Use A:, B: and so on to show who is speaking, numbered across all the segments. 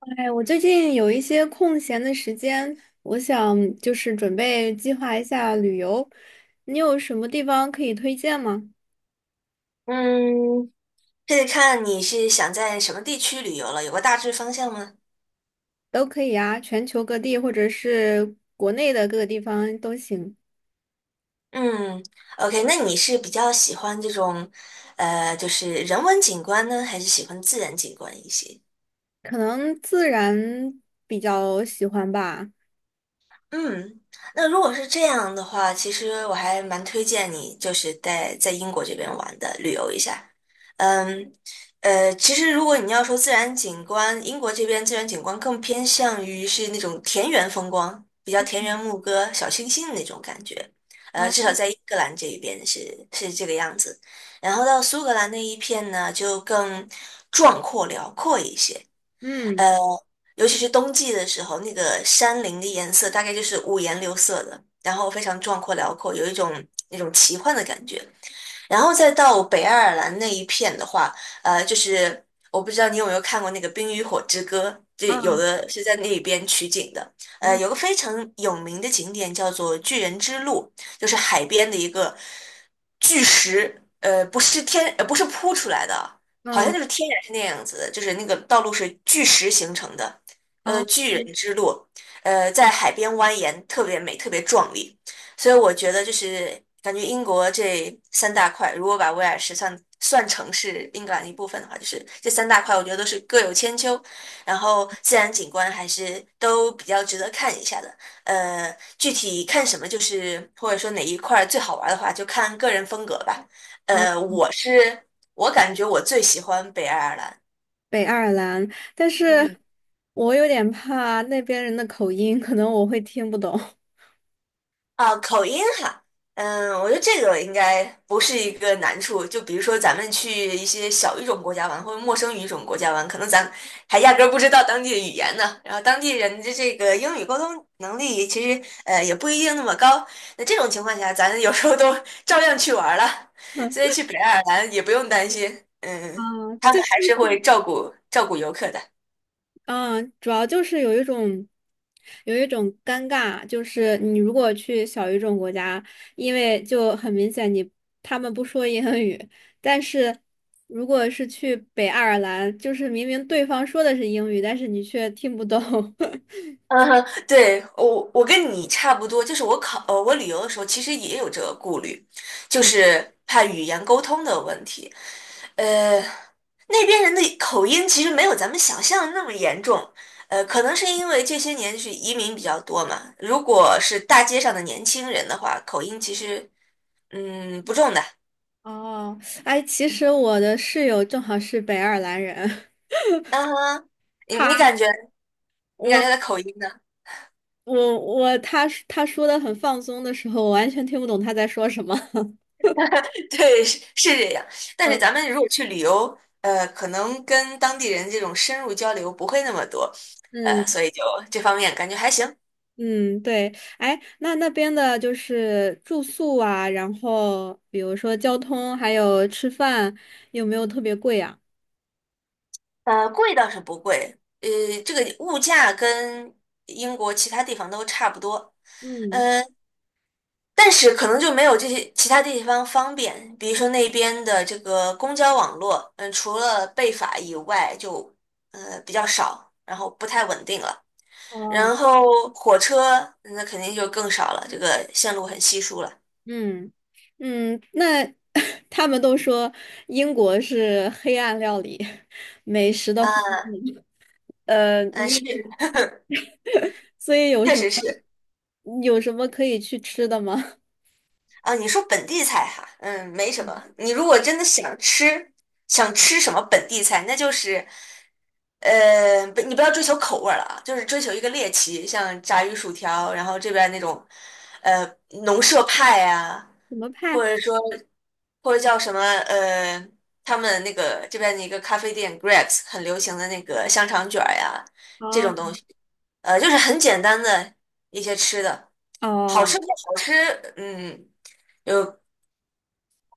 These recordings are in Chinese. A: 哎，我最近有一些空闲的时间，我想就是准备计划一下旅游。你有什么地方可以推荐吗？
B: 嗯，这得看你是想在什么地区旅游了，有个大致方向吗？
A: 都可以啊，全球各地或者是国内的各个地方都行。
B: 嗯，OK，那你是比较喜欢这种，就是人文景观呢，还是喜欢自然景观一些？
A: 可能自然比较喜欢吧。
B: 嗯，那如果是这样的话，其实我还蛮推荐你，就是在英国这边玩的，旅游一下。嗯，其实如果你要说自然景观，英国这边自然景观更偏向于是那种田园风光，比较田园
A: 嗯。
B: 牧歌、小清新的那种感觉。
A: 好。
B: 至少在英格兰这一边是这个样子。然后到苏格兰那一片呢，就更壮阔辽阔一些。
A: 嗯
B: 呃，尤其是冬季的时候，那个山林的颜色大概就是五颜六色的，然后非常壮阔辽阔，有一种那种奇幻的感觉。然后再到北爱尔兰那一片的话，就是我不知道你有没有看过那个《冰与火之歌》，就有
A: 啊。
B: 的是在那边取景的。
A: 嗯
B: 有个非常有名的景点叫做巨人之路，就是海边的一个巨石，不是天，不是铺出来的，好像
A: 嗯。
B: 就是天然是那样子的，就是那个道路是巨石形成的，
A: 好
B: 巨人之路，在海边蜿蜒，特别美，特别壮丽。所以我觉得就是感觉英国这三大块，如果把威尔士算成是英格兰一部分的话，就是这三大块，我觉得都是各有千秋，然后自然景观还是都比较值得看一下的。具体看什么，就是或者说哪一块最好玩的话，就看个人风格吧。
A: 好。
B: 呃，我是我感觉我最喜欢北爱尔兰。
A: 北爱尔兰，但是我有点怕那边人的口音，可能我会听不懂。
B: 啊，口音哈，我觉得这个应该不是一个难处。就比如说咱们去一些小语种国家玩，或者陌生语种国家玩，可能咱还压根儿不知道当地的语言呢。然后当地人的这个英语沟通能力其实也不一定那么高。那这种情况下，咱有时候都 照样去玩儿了，所以
A: 嗯
B: 去北爱尔兰也不用担心，
A: 啊。
B: 他们还 是会照顾照顾游客的。
A: 嗯，主要就是有一种，有一种尴尬，就是你如果去小语种国家，因为就很明显他们不说英语，但是如果是去北爱尔兰，就是明明对方说的是英语，但是你却听不懂。
B: 嗯，对，我跟你差不多，就是我我旅游的时候，其实也有这个顾虑，就
A: 嗯。
B: 是怕语言沟通的问题。呃，那边人的口音其实没有咱们想象的那么严重，可能是因为这些年就是移民比较多嘛。如果是大街上的年轻人的话，口音其实不重的。
A: 哦。哎，其实我的室友正好是北爱尔兰人。
B: 嗯哼，你
A: 他，
B: 你感觉你感
A: 我，
B: 觉他的口音呢？
A: 我，我，他他说的很放松的时候，我完全听不懂他在说什么。
B: 对，是这样。但是咱们如果去旅游，可能跟当地人这种深入交流不会那么多，
A: 嗯。
B: 所以就这方面感觉还行。
A: 嗯，对。哎，那那边的就是住宿啊，然后比如说交通，还有吃饭，有没有特别贵啊？
B: 贵倒是不贵，这个物价跟英国其他地方都差不多，
A: 嗯。
B: 呃，但是可能就没有这些其他地方方便，比如说那边的这个公交网络，除了贝法以外就，比较少，然后不太稳定了。
A: 哦。
B: 然后火车那肯定就更少了，这个线路很稀疏了。
A: 嗯嗯。那 他们都说英国是黑暗料理，美食的荒
B: 啊，
A: 漠。呃，
B: 嗯，
A: 你
B: 是，
A: 所以有
B: 确
A: 什
B: 实
A: 么
B: 是
A: 有什么可以去吃的吗？
B: 啊。你说本地菜哈，没什么。你如果真的想吃，想吃什么本地菜，那就是，不，你不要追求口味儿了啊，就是追求一个猎奇，像炸鱼薯条，然后这边那种，呃，农舍派呀、
A: 什么派？
B: 或者说或者叫什么，他们那个这边的一个咖啡店 Greg's 很流行的那个香肠卷儿呀，这种东
A: 哦。
B: 西，就是很简单的一些吃的，好
A: 哦。
B: 吃不好吃，嗯，有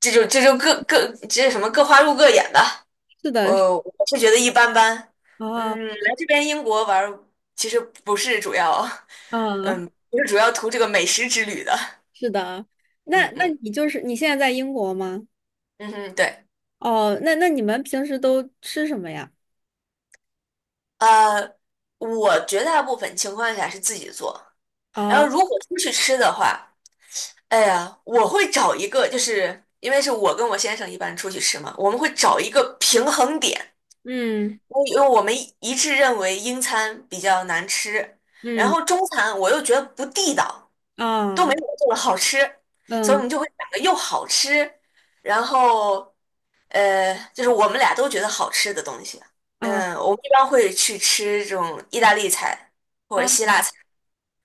B: 这就这就各各这什么各花入各眼吧，
A: 是的，是。
B: 我是觉得一般般，
A: 哦。
B: 来这边英国玩儿其实不是主要，
A: 嗯。
B: 不是主要图这个美食之旅的。
A: 是的啊。那
B: 嗯
A: 那
B: 嗯
A: 你就是你现在在英国吗？
B: 嗯哼，对，
A: 哦。那你们平时都吃什么呀？
B: 呃，我绝大部分情况下是自己做。然后
A: 啊。
B: 如果出去吃的话，哎呀，我会找一个，就是因为是我跟我先生一般出去吃嘛，我们会找一个平衡点，
A: 嗯
B: 因为我们一致认为英餐比较难吃，然后
A: 嗯
B: 中餐我又觉得不地道，都没
A: 啊
B: 我做的好吃，所以我
A: 嗯
B: 们就会找个又好吃，然后就是我们俩都觉得好吃的东西啊。
A: 啊
B: 我们一般会去吃这种意大利菜或者
A: 啊。
B: 希腊菜。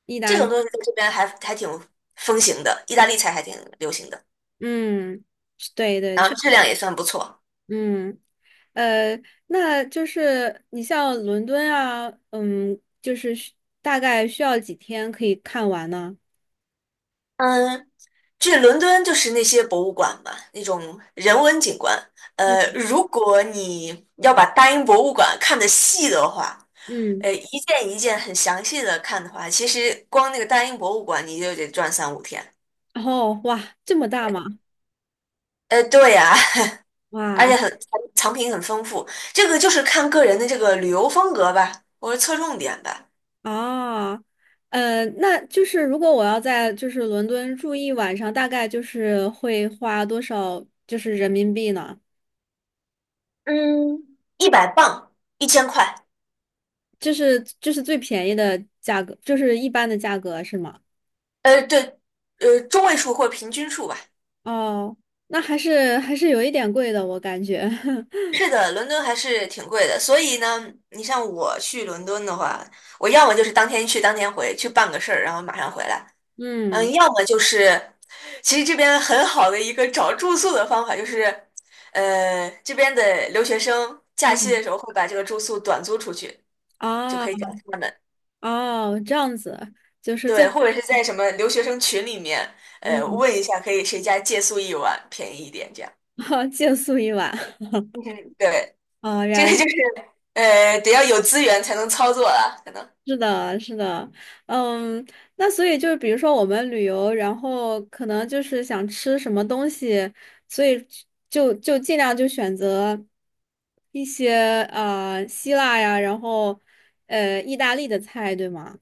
A: 意
B: 这
A: 大
B: 种
A: 利。
B: 东西在这边还挺风行的，意大利菜还挺流行的，
A: 嗯，是。对对。
B: 然后质量也算不错。
A: 嗯呃，那就是你像伦敦啊，嗯，就是大概需要几天可以看完呢？
B: 嗯，去伦敦就是那些博物馆嘛，那种人文景观。
A: 嗯
B: 如果你要把大英博物馆看得细的话，
A: 嗯。
B: 一件一件很详细的看的话，其实光那个大英博物馆你就得转三五天。
A: 哇，这么大吗？
B: 对呀，而且
A: 哇。
B: 藏品很丰富，这个就是看个人的这个旅游风格吧，或者侧重点吧。
A: 哦。那就是如果我要在就是伦敦住一晚上，大概就是会花多少就是人民币呢？
B: 嗯，100磅，1000块，
A: 就是最便宜的价格，就是一般的价格是吗？
B: 对，中位数或平均数吧。
A: 哦。那还是有一点贵的，我感觉。
B: 是的，伦敦还是挺贵的，所以呢，你像我去伦敦的话，我要么就是当天去当天回，去办个事儿，然后马上回来，
A: 嗯
B: 要么就是，其实这边很好的一个找住宿的方法就是，这边的留学生假期的
A: 嗯。
B: 时候会把这个住宿短租出去，就
A: 哦。
B: 可以找他们。
A: 哦，这样子。就是
B: 对，或者是在什么留学生群里面，
A: 嗯，
B: 问一下可以谁家借宿一晚，便宜一点这样。
A: 借宿一晚。
B: 嗯哼，对，
A: 哦，
B: 这
A: 原
B: 个就
A: 来。
B: 是得要有资源才能操作了，可能。
A: 是的，是的。嗯，那所以就是，比如说我们旅游，然后可能就是想吃什么东西，所以就尽量就选择一些希腊呀，然后意大利的菜，对吗？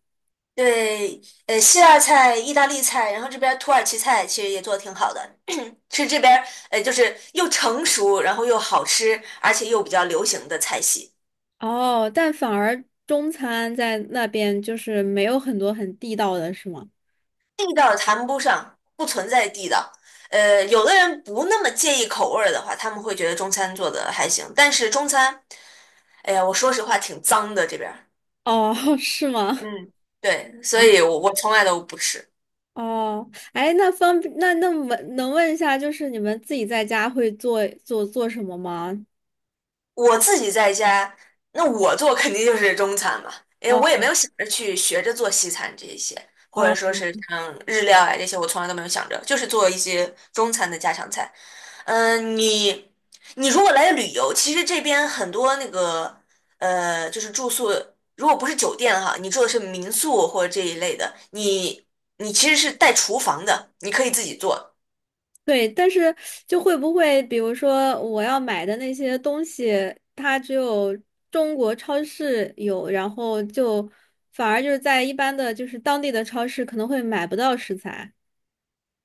B: 对，希腊菜、意大利菜，然后这边儿土耳其菜其实也做的挺好的，是这边儿就是又成熟，然后又好吃，而且又比较流行的菜系。
A: 哦，但反而中餐在那边就是没有很多很地道的，是吗？
B: 地道谈不上，不存在地道。有的人不那么介意口味儿的话，他们会觉得中餐做的还行，但是中餐。哎呀，我说实话挺脏的这边儿。
A: 哦。是吗？
B: 嗯，对，所
A: 啊。
B: 以我从来都不吃。
A: 哦。哎，那方那那么能问一下，就是你们自己在家会做什么吗？
B: 我自己在家，那我做肯定就是中餐嘛，因为
A: 哦。
B: 我也没有想着去学着做西餐这一些，或
A: 哦，
B: 者说是像日料啊这些，我从来都没有想着，就是做一些中餐的家常菜。嗯，你你如果来旅游，其实这边很多那个就是住宿，如果不是酒店哈，你住的是民宿或者这一类的，你其实是带厨房的，你可以自己做。
A: 对。但是会不会，比如说我要买的那些东西，它只有中国超市有，然后就反而就是在一般的就是当地的超市可能会买不到食材。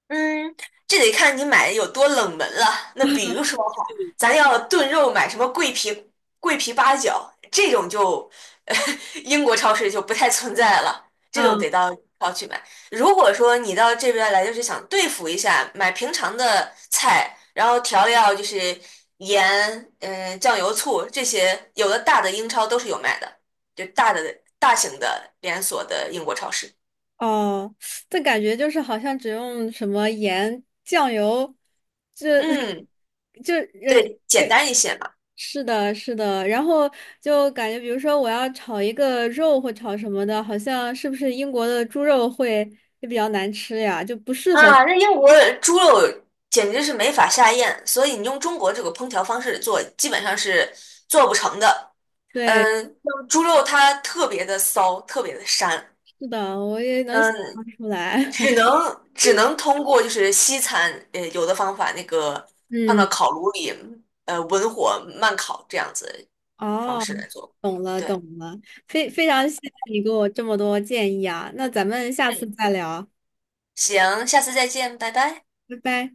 B: 嗯，这得看你买的有多冷门了。那比如说哈，咱要炖肉买什么桂皮八角这种就，英国超市就不太存在了，这
A: 啊。
B: 种得到超去买。如果说你到这边来就是想对付一下，买平常的菜，然后调料就是盐、酱油、醋这些，有的大的英超都是有卖的，就大的大型的连锁的英国超市。
A: 哦，这感觉就是好像只用什么盐、酱油，这
B: 嗯，
A: 就呃
B: 对，简单一些嘛。
A: 是的，是的。然后就感觉，比如说我要炒一个肉或炒什么的，好像是不是英国的猪肉会比较难吃呀？就不适合。
B: 啊，那英国的猪肉简直是没法下咽，所以你用中国这个烹调方式做，基本上是做不成的。
A: 对。
B: 像猪肉它特别的骚，特别的膻，
A: 是的，我也能想象
B: 嗯，
A: 出来。
B: 只 能只能通过就是西餐，有的方法那个放到
A: 嗯。
B: 烤炉里，文火慢烤这样子方
A: 哦。
B: 式来做。
A: 懂了，
B: 对，
A: 懂了。非常谢谢你给我这么多建议啊，那咱们下次
B: 嗯，
A: 再聊。
B: 行，下次再见，拜拜。
A: 拜拜。